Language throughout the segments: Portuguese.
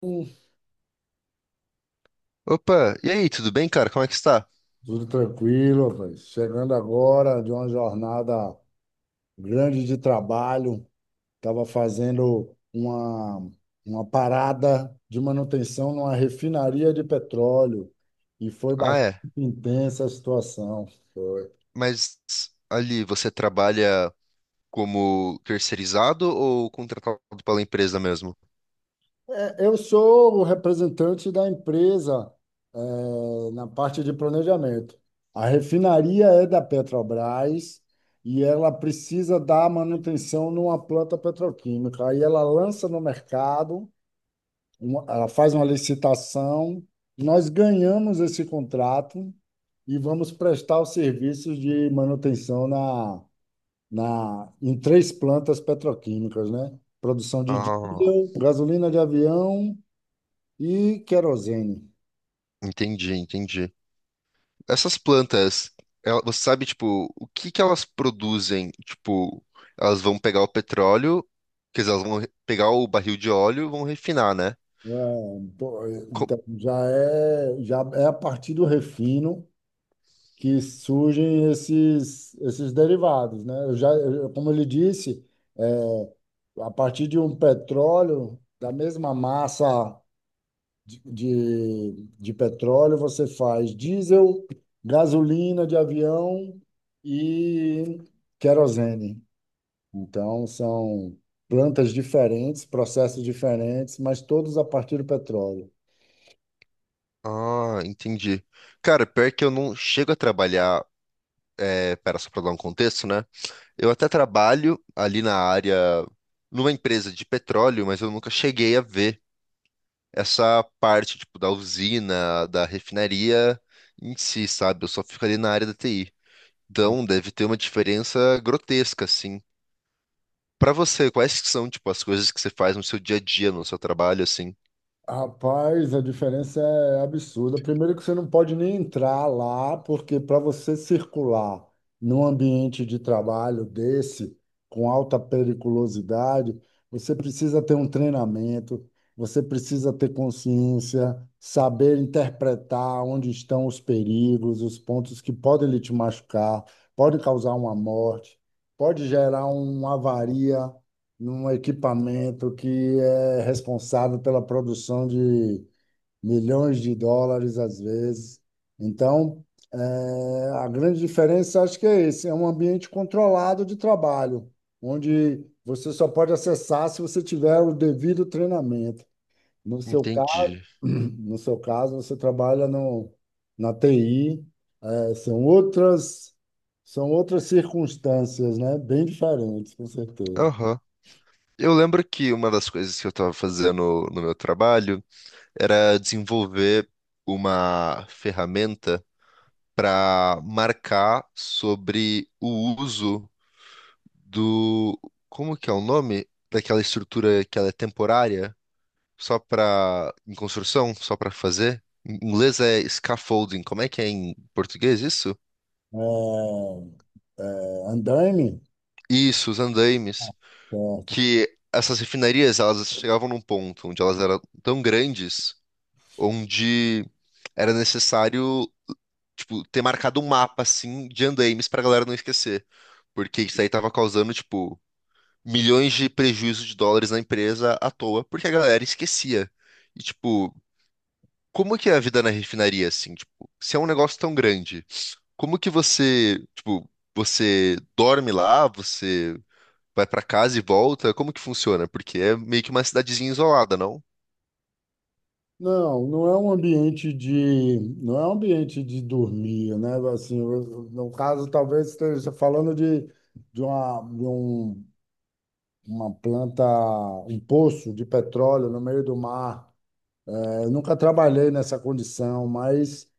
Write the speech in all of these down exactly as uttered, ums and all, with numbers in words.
Hum, Opa, e aí, tudo bem, cara? Como é que está? Tudo tranquilo, rapaz. Chegando agora de uma jornada grande de trabalho, estava fazendo uma, uma parada de manutenção numa refinaria de petróleo e foi Ah, bastante é. intensa a situação. Mas ali você trabalha como terceirizado ou contratado pela empresa mesmo? Eu sou o representante da empresa, eh, na parte de planejamento. A refinaria é da Petrobras e ela precisa dar manutenção numa planta petroquímica. Aí ela lança no mercado, uma- ela faz uma licitação, nós ganhamos esse contrato e vamos prestar os serviços de manutenção na, na, em três plantas petroquímicas, né? Produção de Ah, diesel, gasolina de avião e querosene. entendi, entendi. Essas plantas, ela- você sabe, tipo, o que que elas produzem? Tipo, elas vão pegar o petróleo, quer dizer, elas vão re- pegar o barril de óleo e vão refinar, né? É, pô, Co- Então, já é, já é a partir do refino que surgem esses, esses derivados, né? Eu já, eu- como ele disse, a partir de um petróleo, da mesma massa de, de, de petróleo, você faz diesel, gasolina de avião e querosene. Então, são plantas diferentes, processos diferentes, mas todos a partir do petróleo. Ah, entendi. Cara, pior que eu não chego a trabalhar, é, pera, só pra dar um contexto, né? Eu até trabalho ali na área, numa empresa de petróleo, mas eu nunca cheguei a ver essa parte, tipo, da usina, da refinaria em si, sabe? Eu só fico ali na área da T I. Então, deve ter uma diferença grotesca, assim. Pra você, quais que são, tipo, as coisas que você faz no seu dia a dia, no seu trabalho, assim? Rapaz, a diferença é absurda. Primeiro que você não pode nem entrar lá, porque para você circular num ambiente de trabalho desse, com alta periculosidade, você precisa ter um treinamento, você precisa ter consciência, saber interpretar onde estão os perigos, os pontos que podem lhe te machucar, pode causar uma morte, pode gerar uma avaria num equipamento que é responsável pela produção de milhões de dólares às vezes. Então, eh, a grande diferença acho que é esse, é um ambiente controlado de trabalho, onde você só pode acessar se você tiver o devido treinamento. No seu caso, Entendi. no seu caso, você trabalha no, na T I, eh, são outras são outras circunstâncias, né? Bem diferentes, com certeza. Aham. Eu lembro que uma das coisas que eu estava fazendo no meu trabalho era desenvolver uma ferramenta para marcar sobre o uso do. Como que é o nome? Daquela estrutura que ela é temporária, só para em construção, só para fazer. Em inglês é scaffolding. Como é que é em português isso? É, é, andaime, Isso, os andaimes. certo? Que essas refinarias, elas chegavam num ponto onde elas eram tão grandes, onde era necessário, tipo, ter marcado um mapa, assim, de andaimes pra galera não esquecer. Porque isso aí tava causando, tipo, milhões de prejuízo de dólares na empresa à toa, porque a galera esquecia. E, tipo, como que é a vida na refinaria, assim? Tipo, se é um negócio tão grande, como que você, tipo, você dorme lá, você vai pra casa e volta? Como que funciona? Porque é meio que uma cidadezinha isolada, não? Não, não é um ambiente de, não é um ambiente de dormir, né? Assim, eu- no caso, talvez esteja falando de, de uma, de um- uma planta, um poço de petróleo no meio do mar. É, Eu nunca trabalhei nessa condição, mas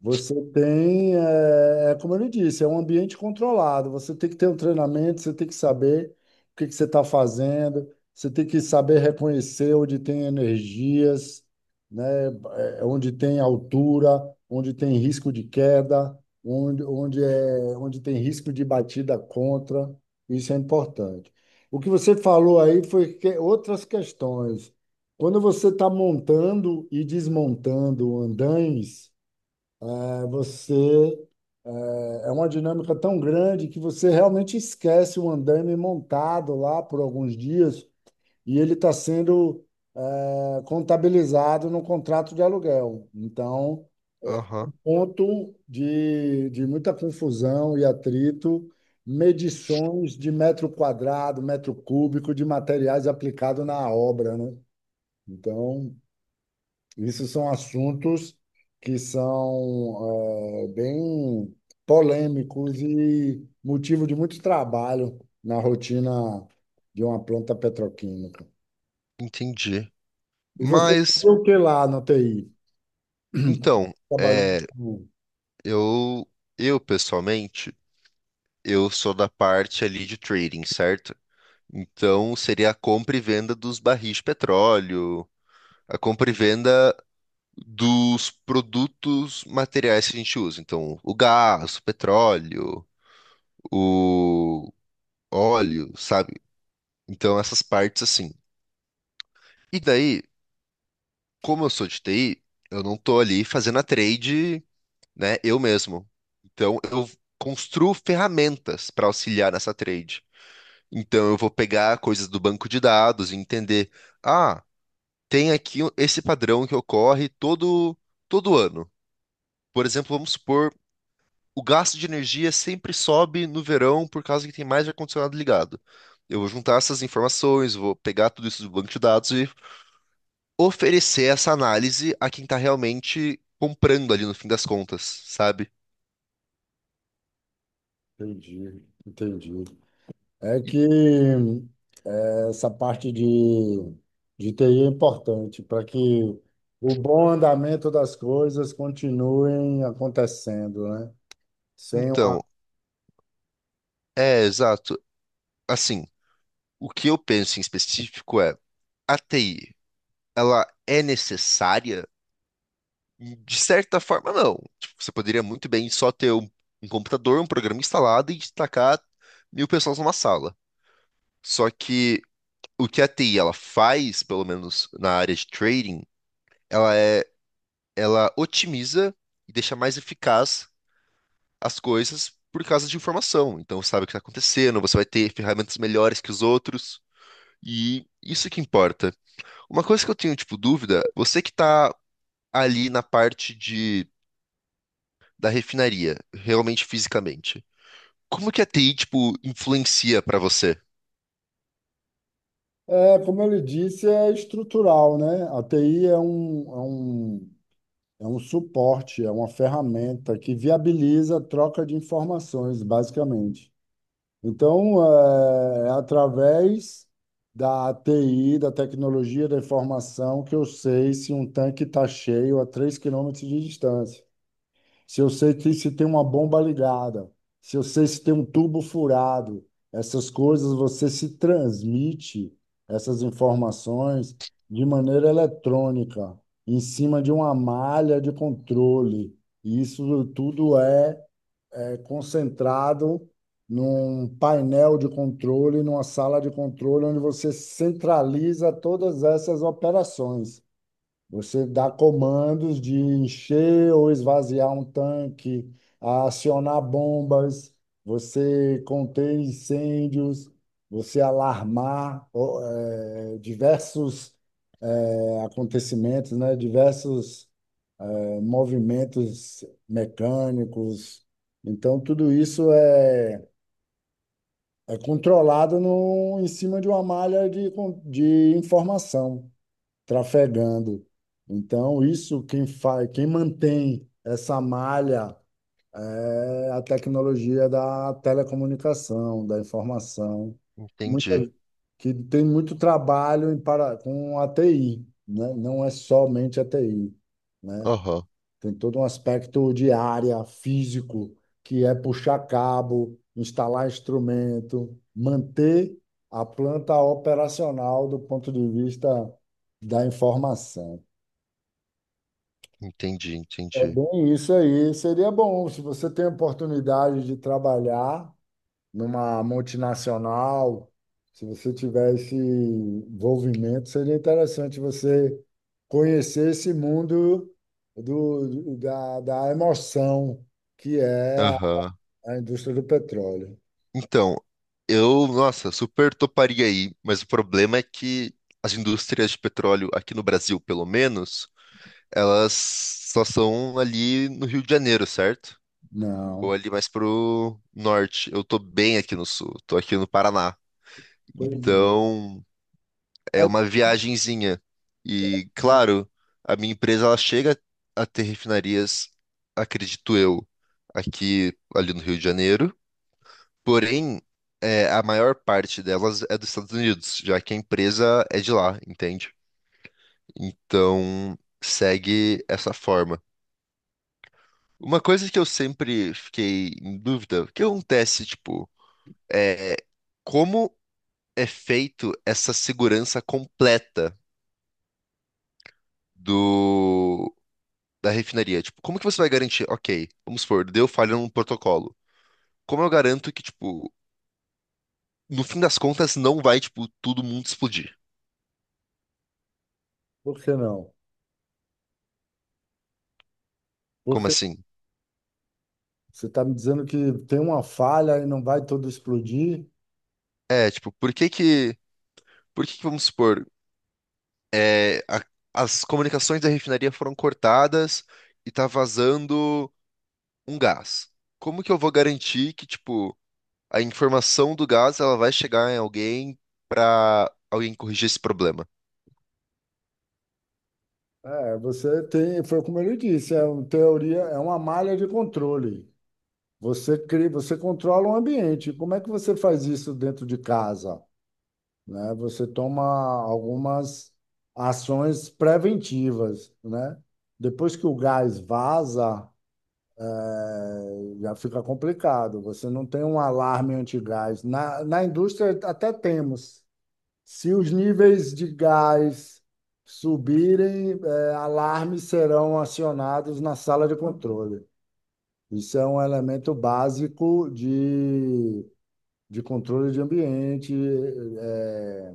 você tem, é, é como eu lhe disse, é um ambiente controlado. Você tem que ter um treinamento, você tem que saber o que que você está fazendo, você tem que saber reconhecer onde tem energias, né, é, onde tem altura, onde tem risco de queda, onde, onde, é, onde tem risco de batida contra. Isso é importante. O que você falou aí foi que- outras questões. Quando você está montando e desmontando andames, é Você é uma dinâmica tão grande que você realmente esquece o andaime montado lá por alguns dias e ele está sendo eh, contabilizado no contrato de aluguel. Então, Aham, ponto de, de muita confusão e atrito, medições de metro quadrado, metro cúbico de materiais aplicado na obra, né? Então, isso são assuntos que são eh, bem polêmicos e motivo de muito trabalho na rotina de uma planta petroquímica. entendi. E você Mas, fazia o que lá na T I? então, Trabalhando é, com... eu, eu pessoalmente, eu sou da parte ali de trading, certo? Então, seria a compra e venda dos barris de petróleo, a compra e venda dos produtos materiais que a gente usa. Então, o gás, o petróleo, o óleo, sabe? Então, essas partes assim. E daí, como eu sou de T I, eu não tô ali fazendo a trade, né, eu mesmo. Então, eu construo ferramentas para auxiliar nessa trade. Então, eu vou pegar coisas do banco de dados e entender. Ah, tem aqui esse padrão que ocorre todo, todo ano. Por exemplo, vamos supor, o gasto de energia sempre sobe no verão por causa que tem mais ar-condicionado ligado. Eu vou juntar essas informações, vou pegar tudo isso do banco de dados e oferecer essa análise a quem está realmente comprando ali no fim das contas, sabe? Entendi, entendi. É E- que é, essa parte de, de T I é importante para que o bom andamento das coisas continuem acontecendo, né? Sem uma Então, é exato. Assim, o que eu penso em específico é a T I, ela é necessária? E, de certa forma, não. Tipo, você poderia muito bem só ter um, um computador, um programa instalado e destacar mil pessoas numa sala. Só que o que a T I ela faz, pelo menos na área de trading, ela é, ela otimiza e deixa mais eficaz as coisas por causa de informação. Então, você sabe o que está acontecendo, você vai ter ferramentas melhores que os outros. E isso que importa. Uma coisa que eu tenho, tipo, dúvida, você que está ali na parte de, da refinaria, realmente fisicamente. Como que a T I, tipo, influencia pra você? é, como eu lhe disse, é estrutural, né? A T I é um, é um, é um suporte, é uma ferramenta que viabiliza a troca de informações, basicamente. Então, é, é através da T I, da tecnologia da informação, que eu sei se um tanque está cheio a três quilômetros de distância, se eu sei que se tem uma bomba ligada, se eu sei se tem um tubo furado, essas coisas você se transmite essas informações de maneira eletrônica, em cima de uma malha de controle. E isso tudo é, é concentrado num painel de controle, numa sala de controle, onde você centraliza todas essas operações. Você dá comandos de encher ou esvaziar um tanque, a acionar bombas, você conter incêndios, você alarmar ó, eh, diversos eh, acontecimentos, né? Diversos eh, movimentos mecânicos. Então, tudo isso é, é controlado no, em cima de uma malha de, con- de informação trafegando. Então, isso quem faz, quem mantém essa malha é a tecnologia da telecomunicação, da informação, muita, Entendi. que tem muito trabalho em para, com a T I, né? Não é somente a T I, né? Aham. Tem todo um aspecto de área, físico, que é puxar cabo, instalar instrumento, manter a planta operacional do ponto de vista da informação. Entendi, É entendi. bem isso aí. Seria bom se você tem a oportunidade de trabalhar numa multinacional, se você tiver esse envolvimento, seria interessante você conhecer esse mundo do, da, da emoção que é a Aham. a indústria do petróleo. Então, eu, nossa, super toparia aí, mas o problema é que as indústrias de petróleo aqui no Brasil, pelo menos, elas só são ali no Rio de Janeiro, certo? Ou Não. ali mais pro norte. Eu tô bem aqui no sul, tô aqui no Paraná. Pois é. Então, é Aí, uma viagenzinha. E, claro, a minha empresa ela chega a ter refinarias, acredito eu, aqui ali no Rio de Janeiro. Porém, é, a maior parte delas é dos Estados Unidos, já que a empresa é de lá, entende? Então, segue essa forma. Uma coisa que eu sempre fiquei em dúvida, o que acontece, tipo, é como é feito essa segurança completa do da refinaria. Tipo, como que você vai garantir? Ok, vamos supor, deu falha num protocolo. Como eu garanto que, tipo, no fim das contas não vai, tipo, todo mundo explodir? por que não? Como Porque assim? você está me dizendo que tem uma falha e não vai tudo explodir? É, tipo, por que que, por que que, vamos supor, é, a- as comunicações da refinaria foram cortadas e tá vazando um gás? Como que eu vou garantir que, tipo, a informação do gás, ela vai chegar em alguém pra alguém corrigir esse problema? É, você tem, foi como ele disse, é uma teoria, é uma malha de controle. Você cria, você controla o ambiente. Como é que você faz isso dentro de casa, né? Você toma algumas ações preventivas, né? Depois que o gás vaza, é, já fica complicado. Você não tem um alarme antigás. Na, na indústria até temos. Se os níveis de gás subirem, eh, alarmes serão acionados na sala de controle. Isso é um elemento básico de, de controle de ambiente, eh,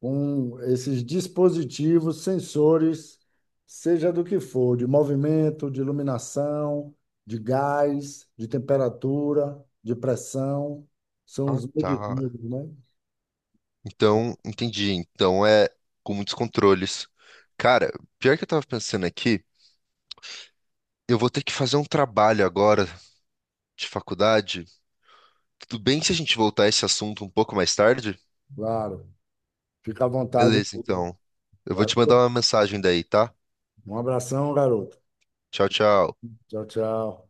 com esses dispositivos, sensores, seja do que for, de movimento, de iluminação, de gás, de temperatura, de pressão, são Ah, os tá. medidores, né? Então, entendi. Então é com muitos controles. Cara, pior que eu tava pensando aqui, eu vou ter que fazer um trabalho agora de faculdade. Tudo bem se a gente voltar a esse assunto um pouco mais tarde? Claro, fica à vontade. Beleza, então. Eu vou Vai, te mandar uma mensagem daí, tá? um abração, garoto. Tchau, tchau. Tchau, tchau.